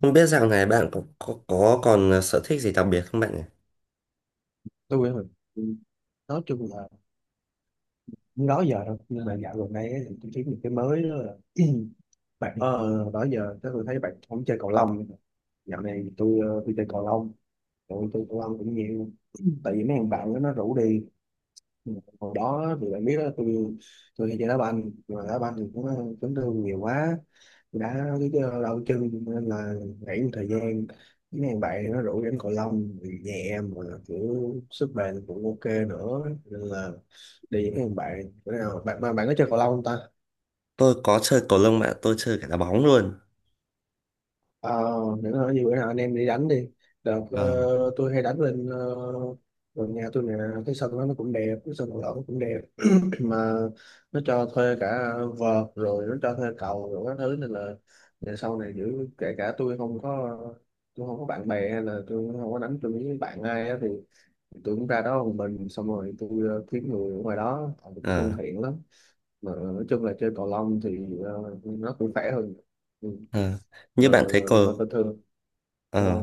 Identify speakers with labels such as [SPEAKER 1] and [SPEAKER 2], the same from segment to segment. [SPEAKER 1] Không biết dạo này bạn có còn sở thích gì đặc biệt không bạn nhỉ?
[SPEAKER 2] Tôi á, mình nói chung là cũng đó giờ thôi, nhưng mà dạo gần đây ấy, thì tôi thấy một cái mới đó là bạn đó giờ chắc tôi thấy bạn không chơi cầu lông nữa. Dạo này thì tôi chơi cầu lông, tôi chơi cầu lông cũng nhiều tại vì mấy thằng bạn đó nó rủ đi. Ừ, hồi đó thì bạn biết đó, tôi hay chơi đá banh, mà đá banh thì cũng chấn thương nhiều quá, đã cái đau chân nên là nghỉ một thời gian. Cái mấy bạn nó rủ đánh cầu lông thì nhẹ mà kiểu sức bền cũng ok nữa, nên là đi với mấy bạn. Bữa nào bạn mà bạn có chơi cầu lông không ta?
[SPEAKER 1] Tôi có chơi cầu lông bạn, tôi chơi cả đá bóng luôn.
[SPEAKER 2] ờ để nói gì bữa nào anh em đi đánh đi. đợt
[SPEAKER 1] Ờ.
[SPEAKER 2] ờ, tôi hay đánh lên gần nhà tôi nè. Cái sân đó nó cũng đẹp, cái sân cầu lông nó cũng đẹp, mà nó cho thuê cả vợt, rồi nó cho thuê cầu rồi các thứ, nên là về sau này giữ kể cả tôi không có bạn bè, hay là tôi không có đánh tôi với bạn ai á, thì tôi cũng ra đó một mình, xong rồi tôi kiếm người ở ngoài đó, họ cũng thân
[SPEAKER 1] Ờ.
[SPEAKER 2] thiện lắm. Mà nói chung là chơi cầu lông thì nó cũng khỏe hơn. Ừ.
[SPEAKER 1] Ờ. Như
[SPEAKER 2] mà,
[SPEAKER 1] bạn thấy
[SPEAKER 2] mà
[SPEAKER 1] cầu
[SPEAKER 2] bình thường ờ,
[SPEAKER 1] ờ,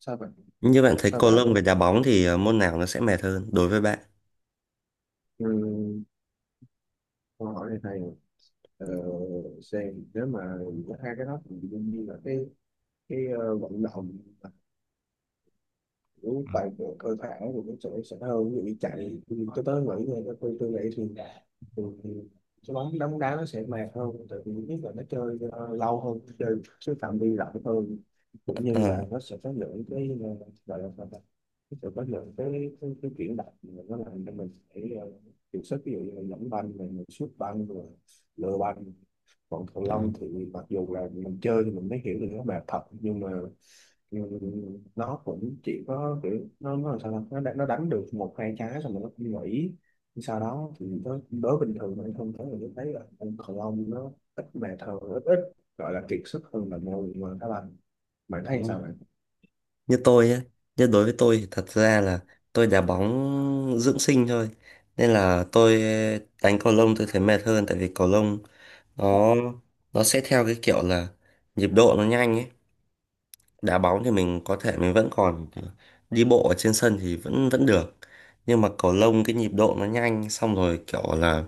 [SPEAKER 2] sao vậy?
[SPEAKER 1] Như bạn thấy
[SPEAKER 2] Sao
[SPEAKER 1] cầu
[SPEAKER 2] vậy?
[SPEAKER 1] lông với đá bóng thì môn nào nó sẽ mệt hơn đối với bạn?
[SPEAKER 2] Ừ. Câu hỏi này hay à? ờ, xem nếu mà có hai cái đó thì đương nhiên là cái vận động mà kiểu bài bộ cơ bản thì nó sẽ hơn, ví dụ như chạy. Tôi tới nghĩ là tôi tôi nghĩ thì cái bóng đá nó sẽ mệt hơn, tại vì thứ nhất là nó chơi lâu hơn, chơi cái phạm vi rộng hơn, cũng như
[SPEAKER 1] Ờ.
[SPEAKER 2] là nó sẽ có lượng cái gọi là sao ta? Nó sẽ có lượng cái chuyển động mà nó làm cho mình phải uh, điều sức, ví dụ như là dẫn banh rồi mình sút banh rồi lừa banh. Còn cầu
[SPEAKER 1] Ờ.
[SPEAKER 2] lông thì mặc dù là mình chơi thì mình mới hiểu được nó mệt thật, nhưng mà ừ, nó cũng chỉ có kiểu nó làm sao ta? Nó đánh được một hai trái xong rồi nó cũng nghỉ. Sau đó thì đối bình thường anh không thấy là, tôi thấy là ông cầu lông nó ít bàn thờ, ít ít gọi là kiệt sức hơn là ngồi mà các bạn. Bạn
[SPEAKER 1] Đúng
[SPEAKER 2] thấy sao
[SPEAKER 1] không?
[SPEAKER 2] bạn?
[SPEAKER 1] như tôi ấy, Như đối với tôi thì thật ra là tôi đá bóng dưỡng sinh thôi. Nên là tôi đánh cầu lông tôi thấy mệt hơn, tại vì cầu lông nó nó sẽ theo cái kiểu là nhịp độ nó nhanh ấy. Đá bóng thì mình có thể mình vẫn còn đi bộ ở trên sân thì vẫn vẫn được, nhưng mà cầu lông cái nhịp độ nó nhanh, xong rồi kiểu là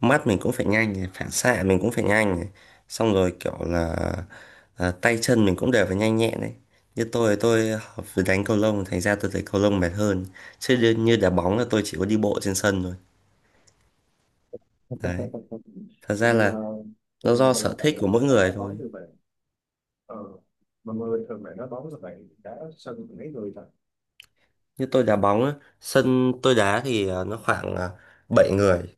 [SPEAKER 1] mắt mình cũng phải nhanh này, phản xạ mình cũng phải nhanh này. Xong rồi kiểu là tay chân mình cũng đều phải nhanh nhẹn đấy. Như tôi học với đánh cầu lông, thành ra tôi thấy cầu lông mệt hơn, chứ như đá bóng là tôi chỉ có đi bộ trên sân thôi đấy. Thật ra
[SPEAKER 2] Nhưng mà
[SPEAKER 1] là
[SPEAKER 2] tôi
[SPEAKER 1] nó
[SPEAKER 2] bình
[SPEAKER 1] do
[SPEAKER 2] thường thì
[SPEAKER 1] sở
[SPEAKER 2] bạn,
[SPEAKER 1] thích của mỗi
[SPEAKER 2] bạn
[SPEAKER 1] người
[SPEAKER 2] đá
[SPEAKER 1] thôi.
[SPEAKER 2] bóng như vậy ờ, mà người bình thường bạn đá bóng là bạn đá sân mấy người ta?
[SPEAKER 1] Như tôi đá bóng á, sân tôi đá thì nó khoảng 7 người.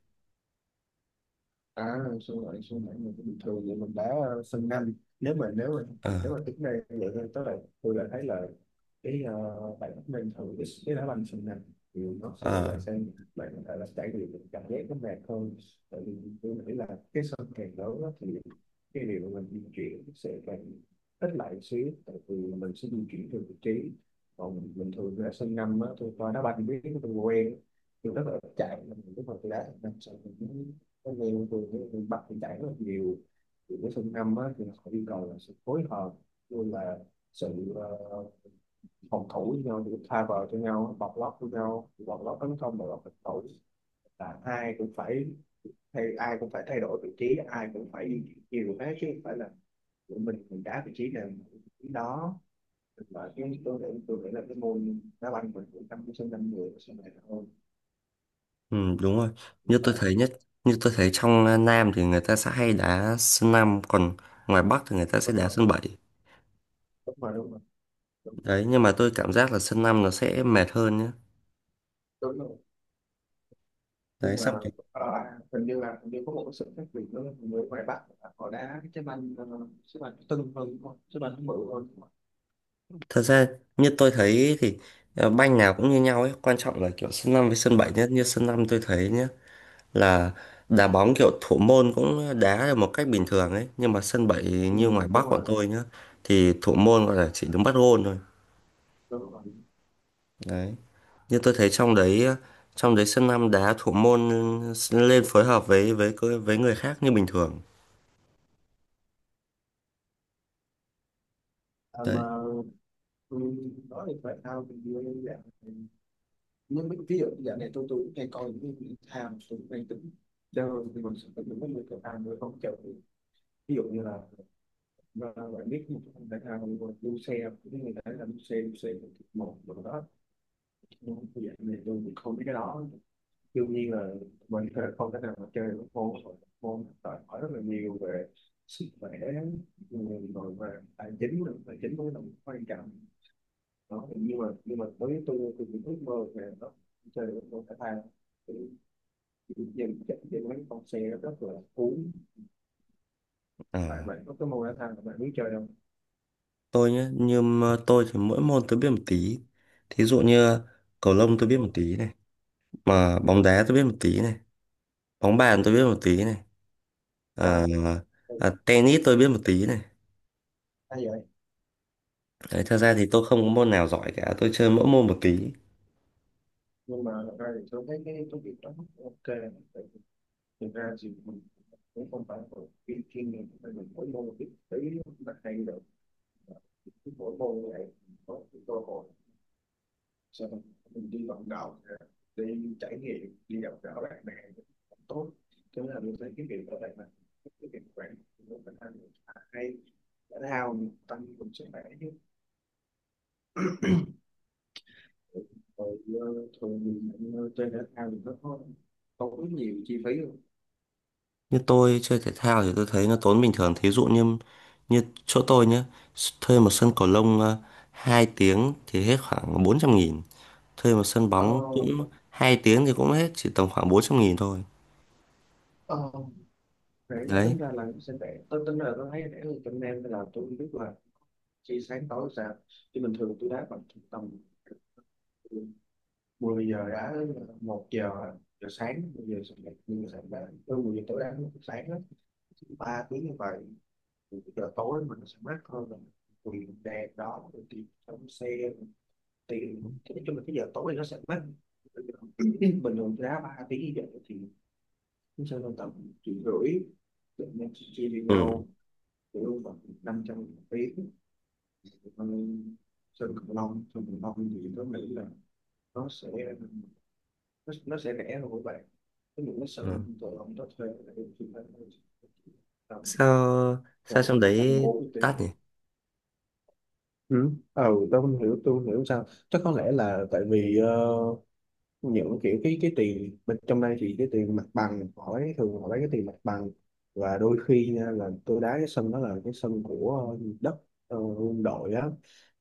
[SPEAKER 2] À, xuân lại mình cũng bình thường vậy, mình đá sân nhanh. Nếu mà
[SPEAKER 1] Ờ.
[SPEAKER 2] nếu mà tính đây vậy thôi, tức là tôi là thấy là cái bạn mình thử cái đá banh sân nhanh thì nó sẽ, bạn
[SPEAKER 1] Ờ,
[SPEAKER 2] sẽ bạn có thể là trải nghiệm được cảm giác nó mệt hơn. Tại vì tôi nghĩ là cái sân càng lớn đó, thì cái điều mà mình di chuyển sẽ càng ít lại một xíu, tại vì mình sẽ di chuyển theo vị trí. Còn mình bình thường ra sân năm á, tôi coi đá banh biết, tôi quen, tôi rất là ít chạy, nên lúc mà tôi đá sân năm sân cái này từ cái miền Bắc thì đảng rất nhiều, thì cái phương năm á, thì họ yêu cầu là sự phối hợp, luôn là sự phòng thủ với nhau, thì tha vào cho nhau, bọc lót với nhau, bọc lót tấn công, bọc lót phòng thủ, là ai cũng phải ai cũng phải thay đổi vị trí, ai cũng phải đi nhiều thế, chứ không phải là tụi mình đá vị trí này vị trí đó. Và cái tôi nghĩ là cái môn đá banh mình cũng 5 đến 5 người sau này là hơn.
[SPEAKER 1] ừ, đúng rồi. Như tôi
[SPEAKER 2] Phải,
[SPEAKER 1] thấy nhất, Như tôi thấy trong Nam thì người ta sẽ hay đá sân năm, còn ngoài Bắc thì người ta sẽ
[SPEAKER 2] đúng
[SPEAKER 1] đá
[SPEAKER 2] không?
[SPEAKER 1] sân bảy.
[SPEAKER 2] Đúng rồi. Đúng.
[SPEAKER 1] Đấy, nhưng mà tôi cảm giác là sân 5 nó sẽ mệt hơn nhá.
[SPEAKER 2] Đúng rồi. Nhưng
[SPEAKER 1] Đấy,
[SPEAKER 2] mà
[SPEAKER 1] xong rồi.
[SPEAKER 2] ờ, hình như là, hình như có một cái sự khác biệt nữa là người ngoài Bắc là họ đá cái trái banh trái banh tưng hơn, đúng không? Trái banh nó bự hơn, đúng không?
[SPEAKER 1] Thật ra như tôi thấy thì banh nào cũng như nhau ấy, quan trọng là kiểu sân 5 với sân 7 nhé. Như sân 5 tôi thấy nhá là đá bóng kiểu thủ môn cũng đá được một cách bình thường ấy, nhưng mà sân 7
[SPEAKER 2] Ừ,
[SPEAKER 1] như ngoài
[SPEAKER 2] đúng
[SPEAKER 1] Bắc bọn
[SPEAKER 2] rồi,
[SPEAKER 1] tôi nhá thì thủ môn gọi là chỉ đứng bắt gôn thôi.
[SPEAKER 2] đúng rồi.
[SPEAKER 1] Đấy. Như tôi thấy trong đấy, trong đấy sân năm đá thủ môn lên phối hợp với người khác như bình thường
[SPEAKER 2] À,
[SPEAKER 1] đấy.
[SPEAKER 2] mà ừ, nói về thể thao thì như em dạng này, nhưng mà ví dụ dạng này tôi cũng hay coi những cái thể thao, tôi cũng hay tính chơi, thì mình sẽ có những cái người thể thao, người không chơi. Ví dụ như là ờ, bạn biết một cái thể thao như là đua xe, những người ta làm đua xe, đua xe một một rồi đó, nhưng mà cái dạng này tôi cũng không biết cái đó. Đương nhiên là mình không thể nào mà chơi một môn môn đòi hỏi rất là nhiều về sức khỏe người rồi về tài chính nữa. Tài chính cũng là quan trọng đó. Nhưng mà với tôi cũng ước mơ về nó, chơi được môn thể thao thì dần chắc dần mấy con xe rất là cuốn. Tại
[SPEAKER 1] à,
[SPEAKER 2] bạn có cái môn thể thao là bạn muốn chơi đâu?
[SPEAKER 1] tôi nhé, như mà tôi thì mỗi môn tôi biết một tí, thí dụ như cầu lông tôi biết một tí này, mà bóng đá tôi biết một tí này, bóng bàn tôi biết một tí này,
[SPEAKER 2] Trời,
[SPEAKER 1] à, tennis tôi biết một tí này.
[SPEAKER 2] hay vậy.
[SPEAKER 1] Đấy, thật ra thì tôi không có môn nào giỏi cả, tôi chơi mỗi môn một tí.
[SPEAKER 2] Nhưng mà thật ra thì tôi thấy cái công việc đó ok. Thực ra thì cũng không phải một cái chuyên nghiệp, mà mình mỗi môn biết tí là hay được. Mỗi môn như vậy có cái cơ hội sau đó mình đi vận động, đi trải nghiệm, đi gặp gỡ bạn bè, tốt. Thế là mình thấy cái việc ở đây là cái việc quản nó phải hay, hay, thể thao mình tăng cường sức khỏe chứ. Rồi thường thì chơi thể thao thì nó có tốn nhiều chi phí không?
[SPEAKER 1] Như tôi chơi thể thao thì tôi thấy nó tốn bình thường, thí dụ như như chỗ tôi nhé, thuê một sân cầu lông 2 tiếng thì hết khoảng 400.000, thuê một sân
[SPEAKER 2] Ờ,
[SPEAKER 1] bóng cũng 2 tiếng thì cũng hết chỉ tầm khoảng 400.000 thôi
[SPEAKER 2] ờ, để
[SPEAKER 1] đấy.
[SPEAKER 2] tính ra là nó sẽ, để tôi tính là tôi thấy để hơn tụi em, là tôi không biết là chỉ sáng tối sao, chứ bình thường tôi đá bằng tầm 10 giờ đã 1 giờ giờ sáng, 10 giờ sáng dậy, nhưng mà từ 10 giờ tối đá sáng đó 3 tiếng như vậy. Giờ tối mình sẽ mát hơn là vì đèn đó, rồi tiền trong xe rồi tiền, nói chung là cái giờ tối nó sẽ mát. Bình thường tôi đá 3 tiếng như vậy thì cũng sẽ lên tầm 1,5 triệu, tụi mình chia chia với
[SPEAKER 1] Ừ.
[SPEAKER 2] nhau chỉ đâu khoảng 500 tiếng. Sơn cửu long, sơn cửu long thì tôi nghĩ là nó sẽ nó sẽ rẻ hơn của bạn. Cái những cái sự
[SPEAKER 1] Ừ.
[SPEAKER 2] tụi ông đó thuê là em chỉ phải tầm
[SPEAKER 1] sao sao
[SPEAKER 2] khoảng
[SPEAKER 1] trong
[SPEAKER 2] một trăm
[SPEAKER 1] đấy
[SPEAKER 2] bốn mươi tiền.
[SPEAKER 1] đắt nhỉ?
[SPEAKER 2] Ừ. Ừ, tôi không hiểu sao, chắc có lẽ là tại vì những kiểu cái tiền bên trong đây thì cái tiền mặt bằng họ lấy, thường họ lấy cái tiền mặt bằng. Và đôi khi nha, là tôi đá cái sân đó là cái sân của đất quân đội á,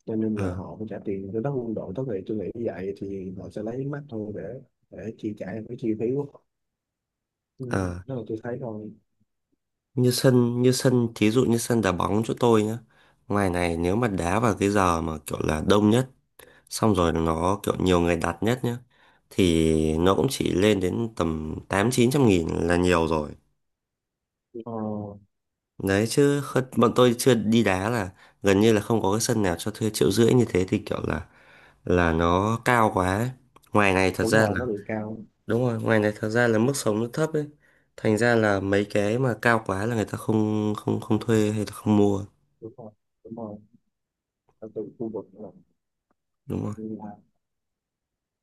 [SPEAKER 2] cho nên là
[SPEAKER 1] ờ
[SPEAKER 2] họ phải trả tiền cho tất quân đội, tất nghệ tôi nghĩ như vậy, thì họ sẽ lấy mắt thôi để chi trả cái chi phí của họ. Ừ,
[SPEAKER 1] ờ.
[SPEAKER 2] đó là tôi thấy thôi.
[SPEAKER 1] Như sân thí dụ như sân đá bóng chỗ tôi nhá, ngoài này nếu mà đá vào cái giờ mà kiểu là đông nhất, xong rồi nó kiểu nhiều người đặt nhất nhá, thì nó cũng chỉ lên đến tầm tám chín trăm nghìn là nhiều rồi
[SPEAKER 2] ờ,
[SPEAKER 1] đấy, chứ bọn tôi chưa đi đá là gần như là không có cái sân nào cho thuê triệu rưỡi như thế, thì kiểu là nó cao quá ấy. Ngoài này thật
[SPEAKER 2] Đúng
[SPEAKER 1] ra
[SPEAKER 2] rồi,
[SPEAKER 1] là
[SPEAKER 2] nó bị cao.
[SPEAKER 1] đúng rồi, ngoài này thật ra là mức sống nó thấp ấy, thành ra là mấy cái mà cao quá là người ta không không không thuê hay là không mua
[SPEAKER 2] Đúng rồi, đúng rồi. Ở từ khu vực là
[SPEAKER 1] đúng rồi.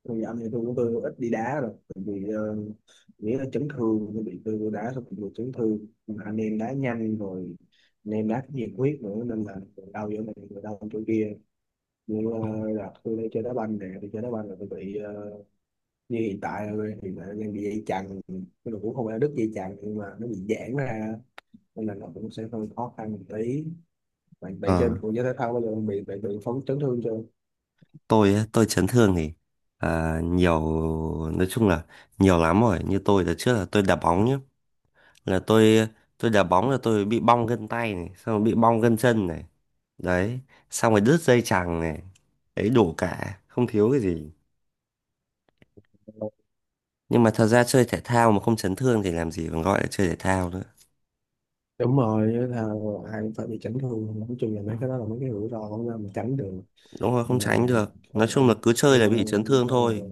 [SPEAKER 2] thì anh, thì tôi cũng, tôi ít đi đá rồi, tại vì nghĩa là chấn thương, tôi bị, tôi vô đá xong bị chấn thương. Mà anh em đá nhanh rồi, anh em đá nhiệt huyết nữa, nên là người đau giữa này, người đau chỗ kia. Nhưng là tôi đi chơi đá banh nè, đi chơi đá banh là tôi bị như hiện tại là hiện tại đang bị dây chằng cái đồ, cũng không phải là đứt dây chằng nhưng mà nó bị giãn ra, nên là nó cũng sẽ hơi khó khăn một tí. Bạn bạn chơi bộ
[SPEAKER 1] Ờ.
[SPEAKER 2] môn thể thao bao giờ bạn bị phóng chấn thương chưa?
[SPEAKER 1] Tôi á, tôi chấn thương thì nhiều, nói chung là nhiều lắm rồi. Như tôi là trước là tôi đá bóng nhé, là tôi đá bóng là tôi bị bong gân tay này, xong rồi bị bong gân chân này đấy, xong rồi đứt dây chằng này đấy, đủ cả không thiếu cái gì. Nhưng mà thật ra chơi thể thao mà không chấn thương thì làm gì còn gọi là chơi thể thao nữa.
[SPEAKER 2] Đúng rồi, với thao ai cũng phải bị chấn thương, nói chung là
[SPEAKER 1] Ừ,
[SPEAKER 2] mấy cái đó là mấy cái rủi ro không ra mình tránh được.
[SPEAKER 1] đúng rồi, không
[SPEAKER 2] nhưng mà
[SPEAKER 1] tránh được,
[SPEAKER 2] ờ,
[SPEAKER 1] nói chung là cứ chơi
[SPEAKER 2] nhưng
[SPEAKER 1] là
[SPEAKER 2] mà
[SPEAKER 1] bị chấn thương
[SPEAKER 2] ờ,
[SPEAKER 1] thôi.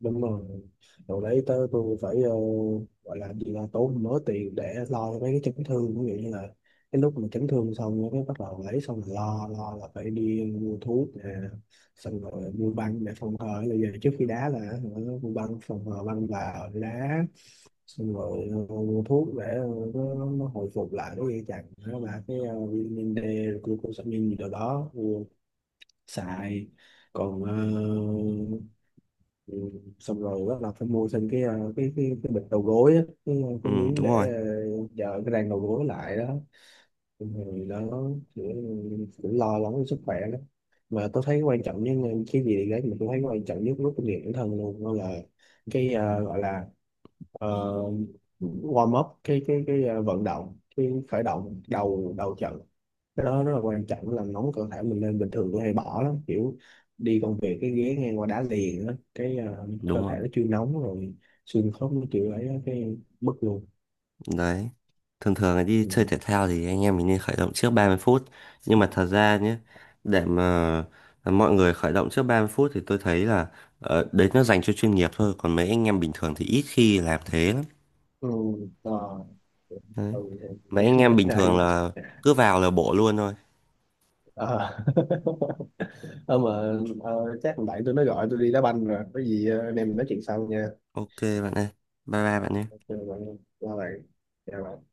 [SPEAKER 2] đúng rồi. Rồi đấy tới tôi phải gọi là gì, là tốn mớ tiền để lo cho mấy cái chấn thương. Ví dụ như là cái lúc mà chấn thương xong cái bắt đầu lấy, xong rồi lo lo là phải đi mua thuốc nè, xong rồi mua băng để phòng hờ bây giờ, trước khi đá là hả, mua băng phòng hờ băng vào để đá. Xong rồi mua thuốc để nó hồi phục lại, nó dây chằng, nó là cái vitamin D, glucosamine gì đó đó, mua xài. Còn ờ, ừ. Xong rồi bắt đầu phải mua thêm cái bịch đầu gối á, cái,
[SPEAKER 1] Ừ,
[SPEAKER 2] cái miếng
[SPEAKER 1] đúng
[SPEAKER 2] để
[SPEAKER 1] rồi,
[SPEAKER 2] giờ cái rang đầu gối lại đó. Xong rồi nó cũng cũng lo lắng cho sức khỏe đó. Mà tôi thấy quan trọng nhất, cái gì đấy mà tôi thấy quan trọng nhất lúc tôi luyện bản thân luôn đó là cái gọi là ờ, warm up cái vận động, cái khởi động đầu đầu trận. Cái đó rất là quan trọng, làm nóng cơ thể mình lên. Bình thường tôi hay bỏ lắm, kiểu đi công việc cái ghế ngang qua đá liền á, cái
[SPEAKER 1] đúng
[SPEAKER 2] cơ
[SPEAKER 1] rồi.
[SPEAKER 2] thể nó chưa nóng rồi xương khớp nó chịu lấy á, cái bứt luôn.
[SPEAKER 1] Đấy. Thường thường là đi
[SPEAKER 2] Ừ.
[SPEAKER 1] chơi thể thao thì anh em mình nên khởi động trước 30 phút. Nhưng mà thật ra nhé, để mà mọi người khởi động trước 30 phút thì tôi thấy là đấy nó dành cho chuyên nghiệp thôi. Còn mấy anh em bình thường thì ít khi làm thế lắm.
[SPEAKER 2] Ừ, ờ, ừ,
[SPEAKER 1] Đấy.
[SPEAKER 2] ừ,
[SPEAKER 1] Mấy
[SPEAKER 2] nghe
[SPEAKER 1] anh em
[SPEAKER 2] nói
[SPEAKER 1] bình
[SPEAKER 2] sai
[SPEAKER 1] thường
[SPEAKER 2] cũng-
[SPEAKER 1] là cứ vào là bộ luôn thôi.
[SPEAKER 2] ờ. Ờ, mà chắc thằng bạn tôi nó gọi tôi đi đá banh rồi, có gì anh em mình nói chuyện sau nha.
[SPEAKER 1] Ok bạn ơi. Bye bye bạn nhé.
[SPEAKER 2] Ok, bạn, chào bạn. Chào bạn.